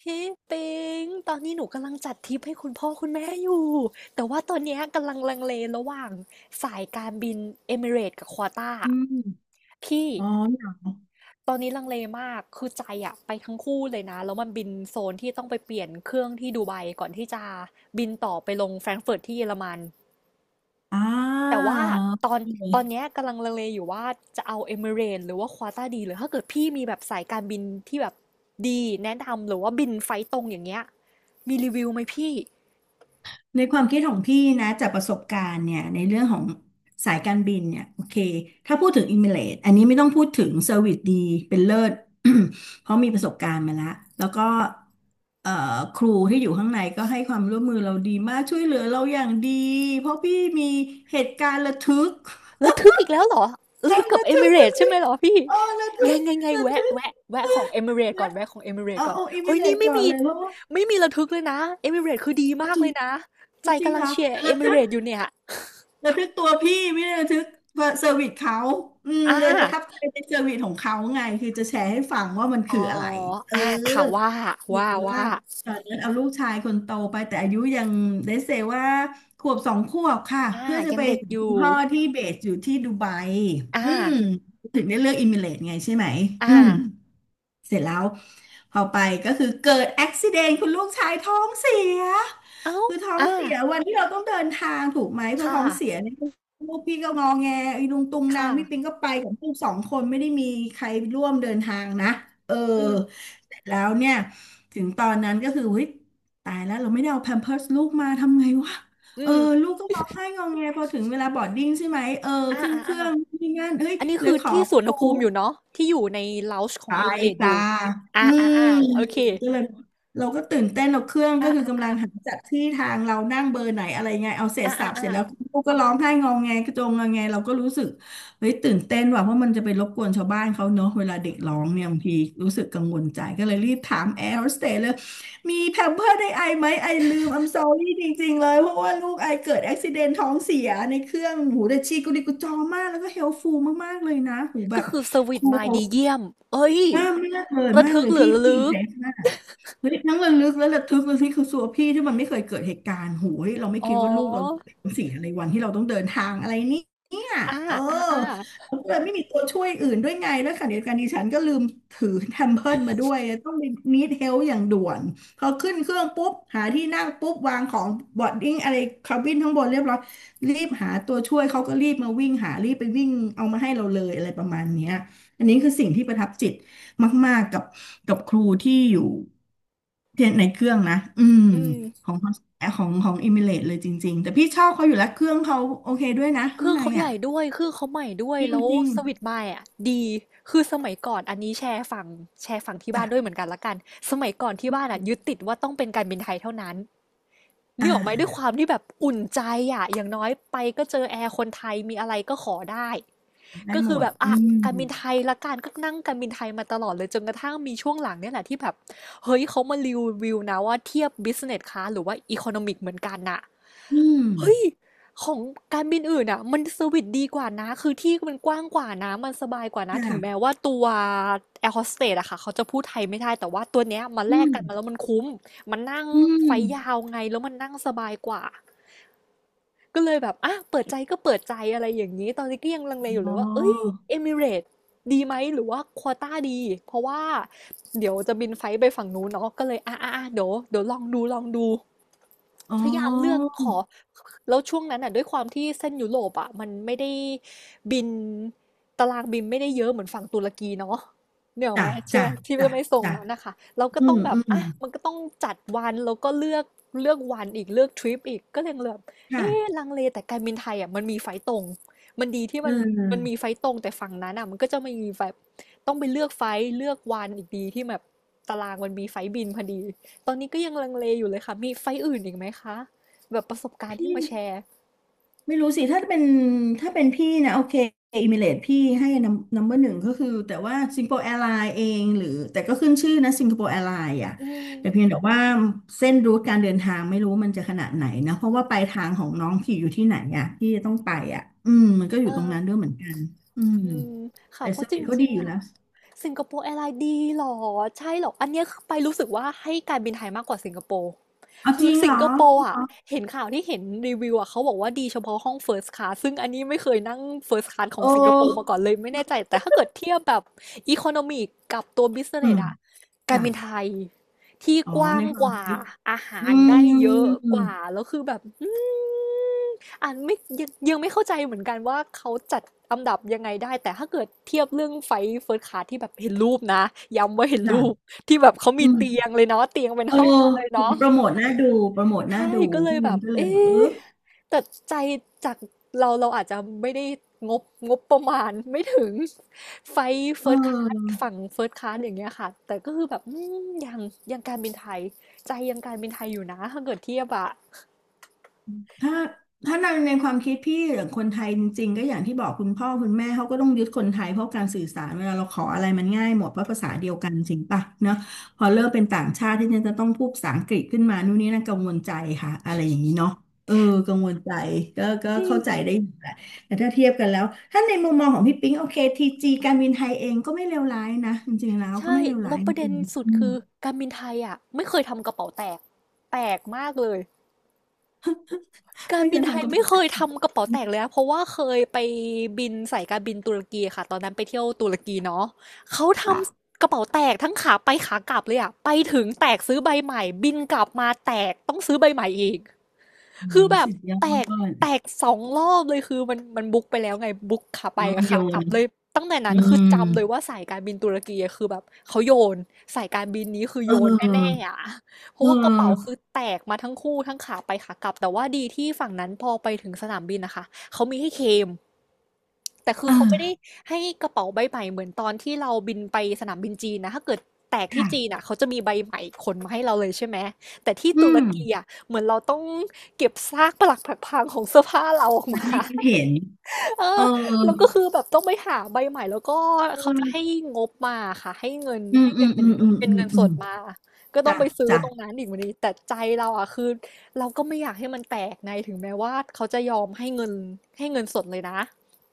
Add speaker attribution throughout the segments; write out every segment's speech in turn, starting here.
Speaker 1: พี่ปิงตอนนี้หนูกำลังจัดทริปให้คุณพ่อคุณแม่อยู่แต่ว่าตอนเนี้ยกำลังลังเลระหว่างสายการบินเอมิเรตกับควอต้า
Speaker 2: อืม
Speaker 1: พี่
Speaker 2: อ๋อเหรอ
Speaker 1: ตอนนี้ลังเลมากคือใจอะไปทั้งคู่เลยนะแล้วมันบินโซนที่ต้องไปเปลี่ยนเครื่องที่ดูไบก่อนที่จะบินต่อไปลงแฟรงก์เฟิร์ตที่เยอรมัน
Speaker 2: อ่
Speaker 1: แต่
Speaker 2: า
Speaker 1: ว่าตอน
Speaker 2: โอ
Speaker 1: ตอนเนี้ย
Speaker 2: เค
Speaker 1: กำลังลังเลอยู่ว่าจะเอาเ m มิเร e s หรือว่า q a t a าดีหรือถ้าเกิดพี่มีแบบสายการบินที่แบบดีแนะนำหรือว่าบินไฟล์ตรงอย่างเงี้ยมีรีวิวไหมพี่
Speaker 2: ในความคิดของพี่นะจากประสบการณ์เนี่ยในเรื่องของสายการบินเนี่ยโอเคถ้าพูดถึงอิมิเรตอันนี้ไม่ต้องพูดถึงเซอร์วิสดีเป็นเลิศ เพราะมีประสบการณ์มาแล้วแล้วก็เอ่อครูที่อยู่ข้างในก็ให้ความร่วมมือเราดีมากช่วยเหลือเราอย่างดีเพราะพี่มีเหตุการณ์ระทึก
Speaker 1: แล้วทึกอีกแล้วเหรอ
Speaker 2: เออ
Speaker 1: ทึกกับ
Speaker 2: ระทึกระ
Speaker 1: Emirates ใช่
Speaker 2: ทึ
Speaker 1: ไหม
Speaker 2: ก
Speaker 1: เหรอพี่
Speaker 2: เออระทึ
Speaker 1: ไงไงไง
Speaker 2: กระทึ
Speaker 1: แวะ
Speaker 2: ก
Speaker 1: แวะแวะขอ
Speaker 2: นะ
Speaker 1: งเอ i ิเรตก่อ
Speaker 2: นะ
Speaker 1: นแวะของ
Speaker 2: เอา
Speaker 1: Emirates ก่อน
Speaker 2: โออิมิ
Speaker 1: เฮ้ย
Speaker 2: เล
Speaker 1: นี่
Speaker 2: ต
Speaker 1: ไม่
Speaker 2: ก่อน
Speaker 1: มี
Speaker 2: เลยเพราะว่า
Speaker 1: ระทึกเลยนะ e อม r a รตคือดี
Speaker 2: อ๋อ
Speaker 1: มาก
Speaker 2: จริ
Speaker 1: เล
Speaker 2: ง
Speaker 1: ยนะใจ
Speaker 2: อ๋อจริง
Speaker 1: กำลั
Speaker 2: เหร
Speaker 1: ง
Speaker 2: อ
Speaker 1: เชียร์ e อ
Speaker 2: ระ
Speaker 1: ม
Speaker 2: ทึ
Speaker 1: r a t e อยู่เนี่ย
Speaker 2: ระทึกตัวพี่ไม่ได้ระทึกว่าเซอร์วิสเขาอืม
Speaker 1: อ่า
Speaker 2: เลยประทับใจในเซอร์วิสของเขาไง คือจะแชร์ให้ฟังว่ามัน
Speaker 1: อ๋
Speaker 2: คือ
Speaker 1: อ
Speaker 2: อะไร เออ
Speaker 1: อ่าค่ะ
Speaker 2: หรือว่า
Speaker 1: ว่า
Speaker 2: ตอนนั้นเอาลูกชายคนโตไปแต่อายุยังได้เซว่าขวบสองขวบค่ะ
Speaker 1: อ่า
Speaker 2: เพื่อจะ
Speaker 1: ยั
Speaker 2: ไป
Speaker 1: งเด็ก
Speaker 2: หา
Speaker 1: อ
Speaker 2: คุณ
Speaker 1: ยู่
Speaker 2: พ่อที่เบสอยู่ที่ดูไบ
Speaker 1: อา
Speaker 2: อืมถึงได้เลือกอิมิเรตไงใช่ไหมอืม
Speaker 1: อา
Speaker 2: เสร็จแล้วพอไปก็คือเกิดอุบิเหตุคุณลูกชายท้องเสีย
Speaker 1: อ้าว
Speaker 2: คือท้อง
Speaker 1: อา
Speaker 2: เสียวันที่เราต้องเดินทางถูกไหมพอ
Speaker 1: ค่
Speaker 2: ท้อง
Speaker 1: ะ
Speaker 2: เสียเนี่ยลูกพี่ก็งอแงไอ้ลุงตุงนาง
Speaker 1: ค่ะ
Speaker 2: พี่ปิงก็ไปกับลูกสองคนไม่ได้มีใครร่วมเดินทางนะเออ
Speaker 1: อืม
Speaker 2: เสร็จแล้วเนี่ยถึงตอนนั้นก็คือเฮ้ยตายแล้วเราไม่ได้เอาแพมเพิร์สลูกมาทำไงวะเอ
Speaker 1: อื
Speaker 2: อ
Speaker 1: ม
Speaker 2: ลูกก็ร้องไห้งอแงพอถึงเวลาบอร์ดดิ้งใช่ไหมเออขึ้นเค
Speaker 1: อา
Speaker 2: รื่อง
Speaker 1: ๆ
Speaker 2: นี่นั่นเฮ้ย
Speaker 1: ๆอันนี้
Speaker 2: เล
Speaker 1: คื
Speaker 2: ย
Speaker 1: อ
Speaker 2: ขอ
Speaker 1: ที่สุวร
Speaker 2: ค
Speaker 1: รณ
Speaker 2: รู
Speaker 1: ภูมิอยู่เนาะที่อยู่ใน Lounge ของ
Speaker 2: ใาย
Speaker 1: Emirates อ
Speaker 2: จ้า
Speaker 1: ยู่
Speaker 2: อื
Speaker 1: อา
Speaker 2: ม
Speaker 1: ๆๆโอเค
Speaker 2: ก็เลยเราก็ตื่นเต้นเราเครื่องก็
Speaker 1: อา
Speaker 2: คือกำลัง
Speaker 1: ๆๆ
Speaker 2: หาจัดที่ทางเรานั่งเบอร์ไหนอะไรไงเอาเสร็
Speaker 1: อ
Speaker 2: จสับเสร็
Speaker 1: า
Speaker 2: จ
Speaker 1: ๆ
Speaker 2: แล้วลูกก็ร้องไห้งองแงกระโจงงอแงเราก็รู้สึกเฮ้ยตื่นเต้นว่ะเพราะมันจะไปรบกวนชาวบ้านเขาเนอะเวลาเด็กร้องเนี่ยบางทีรู้สึกกังวลใจก็เลยรีบถามแอร์โฮสเตสเลยมีแพมเพิร์สไดไอไหมไอลืม I'm sorry จริงๆเลยเพราะว่าลูกไอเกิดอุบติเหตุท้องเสียในเครื่องหูแต่ชีกุลิกุจอมากแล้วก็เฮลฟูลมากๆเลยนะหู
Speaker 1: ๆ
Speaker 2: แบ
Speaker 1: ก็
Speaker 2: บ
Speaker 1: คือเซอร์วิ
Speaker 2: ค
Speaker 1: ซ
Speaker 2: รู
Speaker 1: มา
Speaker 2: เขา
Speaker 1: ดีเยี่ยมเฮ้ย
Speaker 2: มากมากเลย
Speaker 1: ระ
Speaker 2: มาก
Speaker 1: ทึก
Speaker 2: เลย
Speaker 1: หรือ
Speaker 2: พี่
Speaker 1: ระ
Speaker 2: พี่
Speaker 1: ลึ
Speaker 2: อิมเพ
Speaker 1: ก
Speaker 2: รสมากเฮ้ยทั้งระลึกและระทึกเลยพี่คือสัวพี่ที่มันไม่เคยเกิดเหตุการณ์โหยเราไม่
Speaker 1: อ๋
Speaker 2: คิดว่าลูกเรา
Speaker 1: อ
Speaker 2: จะเป็นสิ่งอะไรวันที่เราต้องเดินทางอะไรนี่เนี่ย
Speaker 1: อา
Speaker 2: เออ
Speaker 1: อาๆ
Speaker 2: เราก็เลยไม่มีตัวช่วยอื่นด้วยไงแล้วขณะเดียวกันดิฉันก็ลืมถือแทมเพิร์มาด้วยต้องไปนีดเฮลอย่างด่วนพอขึ้นเครื่องปุ๊บหาที่นั่งปุ๊บวางของบอดดิ้งอะไรคาบินข้างบนเรียบร้อยรีบหาตัวช่วยเขาก็รีบมาวิ่งหารีบไปวิ่งเอามาให้เราเลยอะไรประมาณเนี้ยอันนี้คือสิ่งที่ประทับจิต มากๆกับกับครูที่อยู่เทียนในเครื่องนะ อืม
Speaker 1: อื
Speaker 2: ข
Speaker 1: ม
Speaker 2: องของอิมิเลตเลยจริงๆ แต่พี่ชอบเขาอยู่แล้วเครื่องเขาโอเคด้วยนะ
Speaker 1: เค
Speaker 2: ข้าง
Speaker 1: รื่อง
Speaker 2: ใน
Speaker 1: เขาให
Speaker 2: อ่ะ
Speaker 1: ญ่ด้วยเครื่องเขาใหม่ด้วย
Speaker 2: จ
Speaker 1: แล้ว
Speaker 2: ริง
Speaker 1: สวิตช์ไมค์อะดีคือสมัยก่อนอันนี้แชร์ฝั่งที่
Speaker 2: ๆ
Speaker 1: บ้า
Speaker 2: จ้ะ
Speaker 1: นด้วยเหมือนกันละกันสมัยก่อนที่บ้านอะยึดติดว่าต้องเป็นการบินไทยเท่านั้น
Speaker 2: อ่
Speaker 1: นี่ออกไหมด้วยควา
Speaker 2: า
Speaker 1: มที่แบบอุ่นใจอะอย่างน้อยไปก็เจอแอร์คนไทยมีอะไรก็ขอได้
Speaker 2: ได้
Speaker 1: ก็
Speaker 2: หม
Speaker 1: คือ
Speaker 2: ด
Speaker 1: แบบ
Speaker 2: อื
Speaker 1: อ่ะ
Speaker 2: ม
Speaker 1: การบินไทยละกันก็นั่งการบินไทยมาตลอดเลยจนกระทั่งมีช่วงหลังเนี่ยแหละที่แบบเฮ้ยเขามารีวิวนะว่าเทียบ business class หรือว่า economic เหมือนกันน่ะ
Speaker 2: อืม
Speaker 1: เฮ้ยของการบินอื่นอ่ะมันเซอร์วิสดีกว่านะคือที่มันกว้างกว่านะมันสบายกว่านะถึงแม้
Speaker 2: ค่ะ
Speaker 1: ว่าตัวแอร์โฮสเตสอะค่ะเขาจะพูดไทยไม่ได้แต่ว่าตัวเนี้ยมาแล
Speaker 2: อื
Speaker 1: ก
Speaker 2: ม
Speaker 1: กันมาแล้วมันคุ้มมันนั่ง
Speaker 2: อื
Speaker 1: ไฟยา
Speaker 2: ม
Speaker 1: วไงแล้วมันนั่งสบายกว่า ก็เลยแบบอ่ะเปิดใจก็เปิดใจอะไรอย่างนี้ ตอนนี้ก็ยังลังเลอยู่
Speaker 2: อ๋
Speaker 1: เล
Speaker 2: อ
Speaker 1: ยว่า เอ้ย เอมิเรตดีไหม หรือว่าควอต้าดี เพราะว่า เดี๋ยวจะบินไฟล์ไปฝั่งนู้นเนาะก็เลยอ่ะเดี๋ยวลองดูลองดู.
Speaker 2: อ๋อ
Speaker 1: พยายามเลือกขอ แล้วช่วงนั้นอ่ะด้วยความที่เส้นยุโรปอ่ะมันไม่ได้บินตารางบินไม่ได้เยอะเหมือนฝั่งตุรกีเนาะเนี่ยหรอก
Speaker 2: จ้ะ
Speaker 1: ไหมใช่ไห
Speaker 2: จ้ะ
Speaker 1: มที่ไม่
Speaker 2: จ้ะ
Speaker 1: ไม่ส่ง
Speaker 2: จ้ะ
Speaker 1: นั้นนะคะเราก็
Speaker 2: อื
Speaker 1: ต้อ
Speaker 2: ม
Speaker 1: งแบ
Speaker 2: อื
Speaker 1: บ
Speaker 2: ม
Speaker 1: อ่ะมันก็ต้องจัดวันแล้วก็เลือกวันอีกเลือกทริปอีกก็เลยแบบเอ๊ะ
Speaker 2: ค่ะ
Speaker 1: ลังเลแต่การบินไทยอ่ะมันมีไฟล์ตรงมันดีที่
Speaker 2: เอ
Speaker 1: มันมันมี
Speaker 2: อ
Speaker 1: ไฟล์ตรงแต่ฝั่งนั้นอ่ะมันก็จะมีแบบต้องไปเลือกไฟล์เลือกวันอีกดีที่แบบตารางมันมีไฟล์บินพอดี ตอนนี้ก็ยังลังเลอยู่เลยค่ะ มีไฟท์อื่นอีกไหมคะ แบบประสบการณ์
Speaker 2: พี่
Speaker 1: ที่มาแชร์
Speaker 2: ไม่รู้สิถ้าเป็นพี่นะโอเคอิมิเรตพี่ให้นัมเบอร์หนึ่งก็คือแต่ว่าสิงคโปร์แอร์ไลน์เองหรือแต่ก็ขึ้นชื่อนะสิงคโปร์แอร์ไลน์อ่ะ
Speaker 1: อื
Speaker 2: แต่เพียง
Speaker 1: ม
Speaker 2: แต่ว่าเส้นรูทการเดินทางไม่รู้มันจะขนาดไหนนะเพราะว่าปลายทางของน้องพี่อยู่ที่ไหนอ่ะที่จะต้องไปอ่ะอืมมันก็อ
Speaker 1: เอ
Speaker 2: ยู่ตรง
Speaker 1: อ
Speaker 2: นั้นด้วยเหมือนกันอืม
Speaker 1: อืมค่ะ
Speaker 2: แต่
Speaker 1: เพ
Speaker 2: เซอ
Speaker 1: ราะ
Speaker 2: ร์
Speaker 1: จ
Speaker 2: วิสเขา
Speaker 1: ริ
Speaker 2: ดี
Speaker 1: ง
Speaker 2: อ
Speaker 1: ๆ
Speaker 2: ยู่
Speaker 1: อะ
Speaker 2: แล้ว
Speaker 1: สิงคโปร์แอร์ไลน์ดีเหรอใช่เหรออันเนี้ยคือไปรู้สึกว่าให้การบินไทยมากกว่าสิงคโปร์
Speaker 2: เอาจ
Speaker 1: คือ
Speaker 2: ริงเห
Speaker 1: สิ
Speaker 2: ร
Speaker 1: ง
Speaker 2: อ
Speaker 1: คโปร์อ่ะเห็นข่าวที่เห็นรีวิวอ่ะเขาบอกว่าดีเฉพาะห้อง First Class ซึ่งอันนี้ไม่เคยนั่ง First Class ของ
Speaker 2: โอ้
Speaker 1: สิงคโปร์มาก่อนเลยไม่แน่ใจแต่ถ้าเกิดเทียบแบบ Economy กับตัว Business
Speaker 2: อืม
Speaker 1: อ่ะการ
Speaker 2: จ้ะ
Speaker 1: บินไทยที่
Speaker 2: อ๋อ
Speaker 1: กว้า
Speaker 2: ใน
Speaker 1: ง
Speaker 2: ควา
Speaker 1: ก
Speaker 2: ม
Speaker 1: ว่า
Speaker 2: คิด
Speaker 1: อาหา
Speaker 2: อื
Speaker 1: รได้เยอะ
Speaker 2: ม
Speaker 1: กว่าแล้วคือแบบอืม อันไม่ยังไม่เข้าใจเหมือนกันว่าเขาจัดอันดับยังไงได้แต่ถ้าเกิดเทียบเรื่องไฟเฟิร์สคลาสที่แบบเห็นรูปนะย้ำว่าเห็นรูป
Speaker 2: จ้ะ
Speaker 1: ที่แบบเขา
Speaker 2: อื
Speaker 1: มีเตีย
Speaker 2: ม
Speaker 1: งเลยเนาะเตียงเป็น
Speaker 2: เออ
Speaker 1: ห้องมาเลย
Speaker 2: เห็
Speaker 1: เนาะ
Speaker 2: นโปรโมทน่าดูโปรโมทน่า
Speaker 1: ใช่
Speaker 2: ดู
Speaker 1: ก็เลย
Speaker 2: พี่
Speaker 1: แบ
Speaker 2: นิ้ง
Speaker 1: บ
Speaker 2: ก็เล
Speaker 1: เอ๊
Speaker 2: ยแบบเออ
Speaker 1: ะแต่ใจจากเราอาจจะไม่ได้งบงบประมาณไม่ถึงไฟ
Speaker 2: เ
Speaker 1: เฟิร์สคลาส
Speaker 2: ออ
Speaker 1: ฝั่งเฟิร์สคลาสอย่างเงี้ยค่ะแต่ก็คือแบบอืมยังการบินไทยใจยังการบินไทยอยู่นะถ้าเกิดเทียบอะ
Speaker 2: ถ้าถ้าในความคิดพี่หรือคนไทยจริงๆก็อย่างที่บอกคุณพ่อคุณแม่เขาก็ต้องยึดคนไทยเพราะการสื่อสารเวลาเราขออะไรมันง่ายหมดเพราะภาษาเดียวกันจริงปะเนาะพอเริ่มเป็นต่างชาติที่จะต้องพูดภาษาอังกฤษขึ้นมานู่นนี่นั่นกังวลใจค่ะอะไรอย่างนี้เนาะเออกังวลใจก็
Speaker 1: จริ
Speaker 2: เข้า
Speaker 1: ง
Speaker 2: ใจได้อยู่แหละแต่ถ้าเทียบกันแล้วถ้าในมุมมองของพี่ปิ๊งโอเคทีจีการบินไทยเองก็ไม่เลวร้ายนะจริงๆแล้วก็
Speaker 1: ใช่
Speaker 2: ไม่เลวร้า
Speaker 1: แล้
Speaker 2: ย
Speaker 1: ว
Speaker 2: จ
Speaker 1: ประเด็
Speaker 2: ริ
Speaker 1: น
Speaker 2: ง
Speaker 1: สุดคือ
Speaker 2: ๆ
Speaker 1: การบินไทยอ่ะไม่เคยทำกระเป๋าแตกแปลกมากเลยการ
Speaker 2: ไม่เค
Speaker 1: บิน
Speaker 2: ย
Speaker 1: ไท
Speaker 2: ทำ
Speaker 1: ย
Speaker 2: กระ
Speaker 1: ไม่
Speaker 2: เป๋า
Speaker 1: เค
Speaker 2: แบ
Speaker 1: ย
Speaker 2: น
Speaker 1: ทำกระเป๋าแตกเลยนะเพราะว่าเคยไปบินสายการบินตุรกีค่ะตอนนั้นไปเที่ยวตุรกีเนาะเขาท
Speaker 2: จ้ะ
Speaker 1: ำกระเป๋าแตกทั้งขาไปขากลับเลยอ่ะไปถึงแตกซื้อใบใหม่บินกลับมาแตกต้องซื้อใบใหม่อีก
Speaker 2: โอ้
Speaker 1: คือแบบ
Speaker 2: สุดยอด
Speaker 1: แตก
Speaker 2: เนา
Speaker 1: แตก2 รอบเลยคือมันมันบุ๊กไปแล้วไงบุ๊กขาไป
Speaker 2: ะ
Speaker 1: กั
Speaker 2: มั
Speaker 1: บ
Speaker 2: นโย
Speaker 1: ขากลั
Speaker 2: น
Speaker 1: บเลยตั้งแต่
Speaker 2: อื
Speaker 1: นั้นคือ
Speaker 2: ม
Speaker 1: จำเลยว่าสายการบินตุรกีอะคือแบบเขาโยนสายการบินนี้คือ
Speaker 2: เ
Speaker 1: โยนแน่
Speaker 2: ออ
Speaker 1: ๆอ่ะเพ
Speaker 2: เ
Speaker 1: ราะว่ากระเป๋าคื
Speaker 2: ออ
Speaker 1: อแตกมาทั้งคู่ทั้งขาไปขากลับแต่ว่าดีที่ฝั่งนั้นพอไปถึงสนามบินนะคะเขามีให้เคลมแต่คื
Speaker 2: เอ
Speaker 1: อเขาไม่ได้
Speaker 2: อ
Speaker 1: ให้กระเป๋าใบใหม่เหมือนตอนที่เราบินไปสนามบินจีนนะถ้าเกิดแตกที่
Speaker 2: ค่ะ
Speaker 1: จีนอ่ะเขาจะมีใบใหม่ขนมาให้เราเลยใช่ไหมแต่ที่
Speaker 2: อื
Speaker 1: ตุร
Speaker 2: ม
Speaker 1: กีอ่ะ เหมือนเราต้องเก็บซากปรักผักพังของเสื้อผ้าเราออก
Speaker 2: มัน
Speaker 1: มา
Speaker 2: ให้คิดเห็น
Speaker 1: เออ
Speaker 2: เออ
Speaker 1: แล้วก็คือแบบต้องไปหาใบใหม่แล้วก็
Speaker 2: อื
Speaker 1: เขาจะให้
Speaker 2: ม
Speaker 1: งบมาค่ะให้เงิน
Speaker 2: อืม
Speaker 1: ให้
Speaker 2: อื
Speaker 1: เงิน
Speaker 2: ม
Speaker 1: เป็
Speaker 2: อื
Speaker 1: น
Speaker 2: มอืม
Speaker 1: เป็น
Speaker 2: อืม
Speaker 1: เงินส
Speaker 2: อืม
Speaker 1: ดมาก็ต้อง
Speaker 2: จ้ะ
Speaker 1: ไปซื้อตรง
Speaker 2: จ้ะ
Speaker 1: นั้นอีกวันนี้แต่ใจเราอ่ะคือเราก็ไม่อยากให้มันแตกในถึงแม้ว่าเขาจะยอมให้เงินให้เงินสดเลยนะ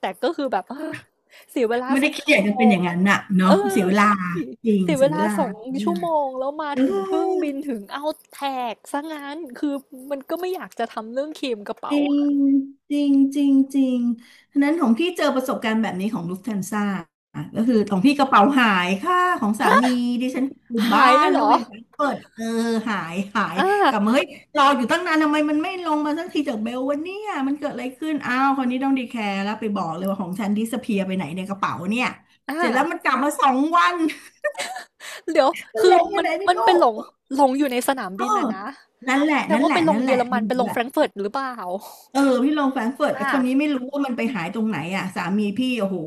Speaker 1: แต่ก็คือแบบ เออเสียเวลา
Speaker 2: ไม่
Speaker 1: ส
Speaker 2: ได้
Speaker 1: อง
Speaker 2: คิด
Speaker 1: ชั่
Speaker 2: อ
Speaker 1: ว
Speaker 2: ยาก
Speaker 1: โม
Speaker 2: จะเป็นอ
Speaker 1: ง
Speaker 2: ย่างนั้นน่ะ
Speaker 1: เอ
Speaker 2: เนาะ
Speaker 1: อ
Speaker 2: เสียเวลา
Speaker 1: ใช่
Speaker 2: จริง
Speaker 1: เสีย
Speaker 2: เสี
Speaker 1: เว
Speaker 2: ยเว
Speaker 1: ลา
Speaker 2: ลา
Speaker 1: สอง
Speaker 2: เสียเว
Speaker 1: ชั่
Speaker 2: ลา
Speaker 1: วโมงแล้วมา
Speaker 2: เออ
Speaker 1: ถึงเพิ่งบินถึงเอาแตกซะงั้นคือมันก็ไม่อยากจะทำเรื่องเคลมกระ
Speaker 2: จ
Speaker 1: เป๋า
Speaker 2: ริงจริงจริงจริงฉะนั้นของพี่เจอประสบการณ์แบบนี้ของลูฟแทนซ่าอ่ะก็คือของพี่กระเป๋าหายค่ะของสามีดิฉันอยู่บ้า
Speaker 1: หายเล
Speaker 2: น
Speaker 1: ยเห
Speaker 2: แล้
Speaker 1: ร
Speaker 2: ว
Speaker 1: อ
Speaker 2: เวลาเปิดหาย
Speaker 1: อ่
Speaker 2: กลับมา
Speaker 1: า
Speaker 2: เฮ้ยรออยู่ตั้งนานทำไมมันไม่ลงมาสักทีจากเบลวันนี้มันเกิดอะไรขึ้นอ้าวคนนี้ต้องดีแคร์แล้วไปบอกเลยว่าของฉันดิสเพียไปไหนในกระเป๋าเนี่ยเสร็จแล้ว
Speaker 1: อา
Speaker 2: มันกลับมาสองวัน
Speaker 1: เดี๋ยว
Speaker 2: มัน
Speaker 1: คื
Speaker 2: ล
Speaker 1: อ
Speaker 2: งไป
Speaker 1: มัน
Speaker 2: ไหนไม่
Speaker 1: มันไป
Speaker 2: รู้
Speaker 1: หลงหลงอยู่ในสนาม
Speaker 2: เออ
Speaker 1: บินอะนะ
Speaker 2: นั่นแหละ
Speaker 1: แสด
Speaker 2: นั่
Speaker 1: ง
Speaker 2: นแห
Speaker 1: ว่า
Speaker 2: ละ
Speaker 1: ไปล
Speaker 2: นั่
Speaker 1: ง
Speaker 2: นแห
Speaker 1: เย
Speaker 2: ละ
Speaker 1: อรมั
Speaker 2: ไม่
Speaker 1: นไป
Speaker 2: รู้
Speaker 1: ลง
Speaker 2: อะ
Speaker 1: Frankfurt หรือเปล่า
Speaker 2: เออพี่ลงแฟรงก์เฟิร์ต
Speaker 1: อ
Speaker 2: แต่คนนี้ไม่
Speaker 1: า
Speaker 2: รู้ว่ามันไปหายตรงไหนอ่ะสามีพี่โอ้โห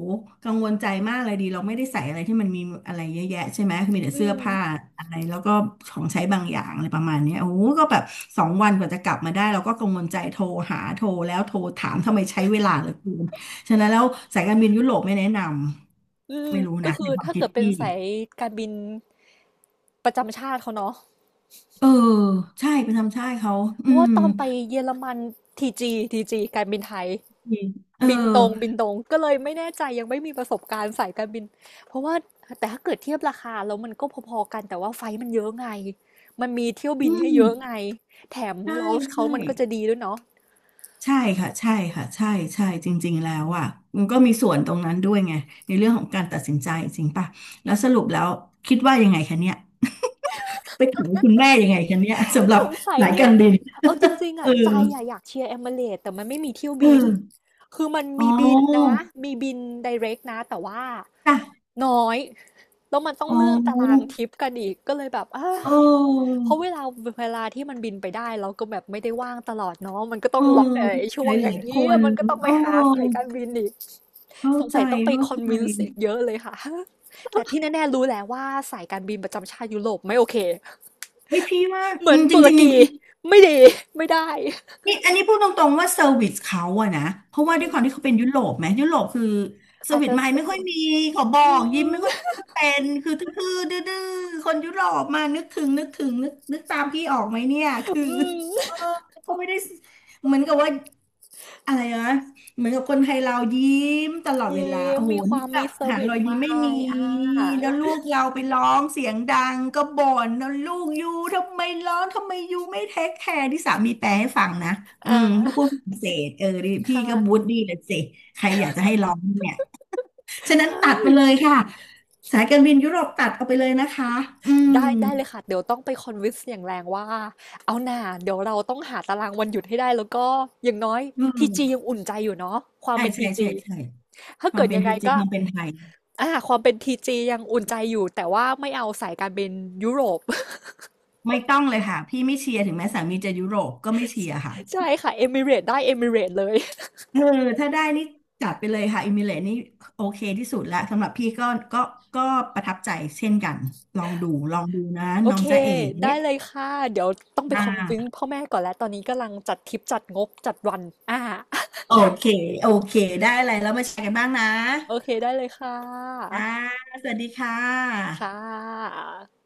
Speaker 2: กังวลใจมากเลยดีเราไม่ได้ใส่อะไรที่มันมีอะไรเยอะแยะใช่ไหมคือมีแต่
Speaker 1: อื
Speaker 2: เสื้อ
Speaker 1: ม
Speaker 2: ผ้าอะไรแล้วก็ของใช้บางอย่างอะไรประมาณเนี้ยโอ้โหก็แบบสองวันกว่าจะกลับมาได้เราก็กังวลใจโทรหาโทรแล้วโทรถามทำไมใช้เวลาเหลือเกินฉะนั้นแล้วสายการบินยุโรปไม่แนะน
Speaker 1: อื
Speaker 2: ำ
Speaker 1: ม
Speaker 2: ไม่รู้นะ
Speaker 1: คื
Speaker 2: ใน
Speaker 1: อ
Speaker 2: ความ
Speaker 1: ถ้า
Speaker 2: คิด
Speaker 1: เกิดเป็น
Speaker 2: พี่
Speaker 1: สายการบินประจำชาติเขาเนาะ
Speaker 2: เออใช่ไปทำใช่เขา
Speaker 1: เพ
Speaker 2: อื
Speaker 1: ราะว่า
Speaker 2: ม
Speaker 1: ตอนไปเยอรมันทีจีทีจีการบินไทย
Speaker 2: เอ
Speaker 1: บินตรงบิ
Speaker 2: อ
Speaker 1: นตรงก็เลยไม่แน่ใจยังไม่มีประสบการณ์สายการบินเพราะว่าแต่ถ้าเกิดเทียบราคาแล้วมันก็พอๆกันแต่ว่าไฟล์มันเยอะไงมันมีเที่ยว
Speaker 2: อื
Speaker 1: บินให้
Speaker 2: ม
Speaker 1: เยอะไงแถม
Speaker 2: ใช่
Speaker 1: lounge เขา
Speaker 2: ใช่
Speaker 1: มันก็จะดีด้วยเนาะ
Speaker 2: ใช่ค่ะใช่ค่ะใช่จริงๆแล้วอ่ะมันก็มีส่วนตรงนั้นด้วยไงในเรื่องของการตัดสินใจจริงป่ะแล้วสรุปแล้วคิดว่ายังไงคะเนี่ยไปถามคุณแม่ยังไงคะเนี่ยสำหรับ
Speaker 1: สงสัย
Speaker 2: สาย
Speaker 1: เนี่
Speaker 2: กา
Speaker 1: ย
Speaker 2: รบิน
Speaker 1: เอาจริงๆ
Speaker 2: เอ
Speaker 1: อะ
Speaker 2: อ
Speaker 1: ใจอะอยากเชียร์เอมิเรตแต่มันไม่มีเที่ยว
Speaker 2: เอ
Speaker 1: บิน
Speaker 2: อ
Speaker 1: คือมัน
Speaker 2: อ๋
Speaker 1: มี
Speaker 2: อ
Speaker 1: บินนะ มีบิน i r เรกนะแต่ว่า
Speaker 2: จ้ะ
Speaker 1: น้อย แล้วมันต้อง
Speaker 2: อ๋
Speaker 1: เลื่อนตาราง
Speaker 2: อ
Speaker 1: ทริปกันอีก ก็เลยแบบอ้า
Speaker 2: เออ
Speaker 1: เพราะเวลาที่มันบินไปได้เราก็แบบไม่ได้ว่างตลอดเนาะมันก็ต้
Speaker 2: เอ
Speaker 1: อง
Speaker 2: อ
Speaker 1: ล็อกแต่ไอ้ช่
Speaker 2: ห
Speaker 1: วง
Speaker 2: ลายห
Speaker 1: อย่า
Speaker 2: ลา
Speaker 1: ง
Speaker 2: ยค
Speaker 1: นี้
Speaker 2: น
Speaker 1: มันก็ต้อง
Speaker 2: เอ
Speaker 1: ไปหาสาย
Speaker 2: อ
Speaker 1: การบินอีก
Speaker 2: เข้า
Speaker 1: สง
Speaker 2: ใจ
Speaker 1: สัยต้องไป
Speaker 2: เข้า
Speaker 1: คอ
Speaker 2: ใจ
Speaker 1: นวินส์อีกเยอะเลยค่ะ แต่ที่แน่ๆรู้แหละว่าสายการบินประจำชาติยุโรปไม่โอเค
Speaker 2: เฮ้ยพี่ว่า
Speaker 1: เหมือน
Speaker 2: จริ
Speaker 1: ตุ
Speaker 2: ง
Speaker 1: ร
Speaker 2: จริง
Speaker 1: กีไม่ดีไม่ได้
Speaker 2: นี่อันนี้พูดตรงๆว่าเซอร์วิสเขาอะนะเพราะว่าด้วยความที่เขาเป็นยุโรปไหมยุโรปคือเซอ
Speaker 1: อา
Speaker 2: ร์
Speaker 1: จ
Speaker 2: วิส
Speaker 1: จะ
Speaker 2: ไม่
Speaker 1: ส
Speaker 2: ไม่ค่
Speaker 1: วิ
Speaker 2: อย
Speaker 1: ต
Speaker 2: มีขอบอ
Speaker 1: อื
Speaker 2: กยิ้ม
Speaker 1: ม
Speaker 2: ไม่ค่อยเป็นคือทื่อๆดื้อๆคนยุโรปมานึกถึงนึกถึงนึกนึกตามพี่ออกไหมเนี่ยคื อ
Speaker 1: อื
Speaker 2: เอ
Speaker 1: ม
Speaker 2: อเขาไม่ได้เหมือนกับว่าอะไรนะ เหมือนกับคนไทยเรายิ้มตลอด
Speaker 1: เย
Speaker 2: เวลา
Speaker 1: ม
Speaker 2: โอ้โห
Speaker 1: มีค
Speaker 2: นี่
Speaker 1: วาม
Speaker 2: แบ
Speaker 1: มี
Speaker 2: บ
Speaker 1: ส
Speaker 2: หา
Speaker 1: วิ
Speaker 2: ร
Speaker 1: ต
Speaker 2: อยยิ้ม
Speaker 1: วา
Speaker 2: ไม่มี
Speaker 1: ยอ่าเอ
Speaker 2: แล้ว
Speaker 1: อ
Speaker 2: ลูกเราไปร้องเสียงดังก็บ่นแล้วลูกยูทำไมร้องทำไมยูไม่เทคแคร์ที่สามีแปลให้ฟังนะ
Speaker 1: อ่
Speaker 2: เพราะพู
Speaker 1: า
Speaker 2: ดฝรั่งเศสเออดิ
Speaker 1: ค
Speaker 2: พี่ก็บูด
Speaker 1: ่ะ
Speaker 2: ดี้เลยสิใครอยากจะให้ร้องเนี่ยฉะนั้น
Speaker 1: ใช่
Speaker 2: ตัดไปเลยค่ะสายการบินยุโรปตัดเอาไปเลยนะคะอืม
Speaker 1: ได้ได้เลยค่ะ เดี๋ยวต้องไปคอนวินส์อย่างแรงว่าเอาหน่าเดี๋ยวเราต้องหาตารางวันหยุดให้ได้แล้วก็อย่างน้อย
Speaker 2: เอ
Speaker 1: ทีจี
Speaker 2: ื
Speaker 1: ยังอุ่นใจอยู่เนาะความ
Speaker 2: ใช่
Speaker 1: เป็น
Speaker 2: ใช่
Speaker 1: ที
Speaker 2: ใช่
Speaker 1: จี
Speaker 2: ใช่
Speaker 1: ถ้า
Speaker 2: ควา
Speaker 1: เกิ
Speaker 2: ม
Speaker 1: ด
Speaker 2: เป็น
Speaker 1: ยังไง
Speaker 2: จริง
Speaker 1: ก็
Speaker 2: ความเป็นไทย
Speaker 1: อ่าความเป็นทีจียังอุ่นใจอยู่ แต่ว่าไม่เอาสายการบินยุโรป
Speaker 2: ไม่ต้องเลยค่ะพี่ไม่เชียร์ถึงแม้สามีจะยุโรปก็ไม่เชียร์ค่ะ
Speaker 1: ใช่ค่ะเอมิเรตได้เอมิเรตเลย
Speaker 2: เออถ้าได้นี่จัดไปเลยค่ะอิมิเลตนี่โอเคที่สุดแล้วสำหรับพี่ก็ก็ประทับใจเช่นกันลองดูนะ
Speaker 1: โอ
Speaker 2: น้อง
Speaker 1: เค
Speaker 2: จ๊ะเอ๋
Speaker 1: ได้เลยค่ะ เดี๋ยวต้องไป
Speaker 2: นา
Speaker 1: คอนวิ้งพ่อแม่ก่อนแล้ว ตอนนี้กำลังจัดทริปจัดงบจัดวันอ่า
Speaker 2: โอเคโอเคได้อะไรแล้วมาแชร์กันบ้างนะ
Speaker 1: โอเค ได้เลยค่ะ
Speaker 2: จ้าสวัสดีค่ะ
Speaker 1: ค่ะ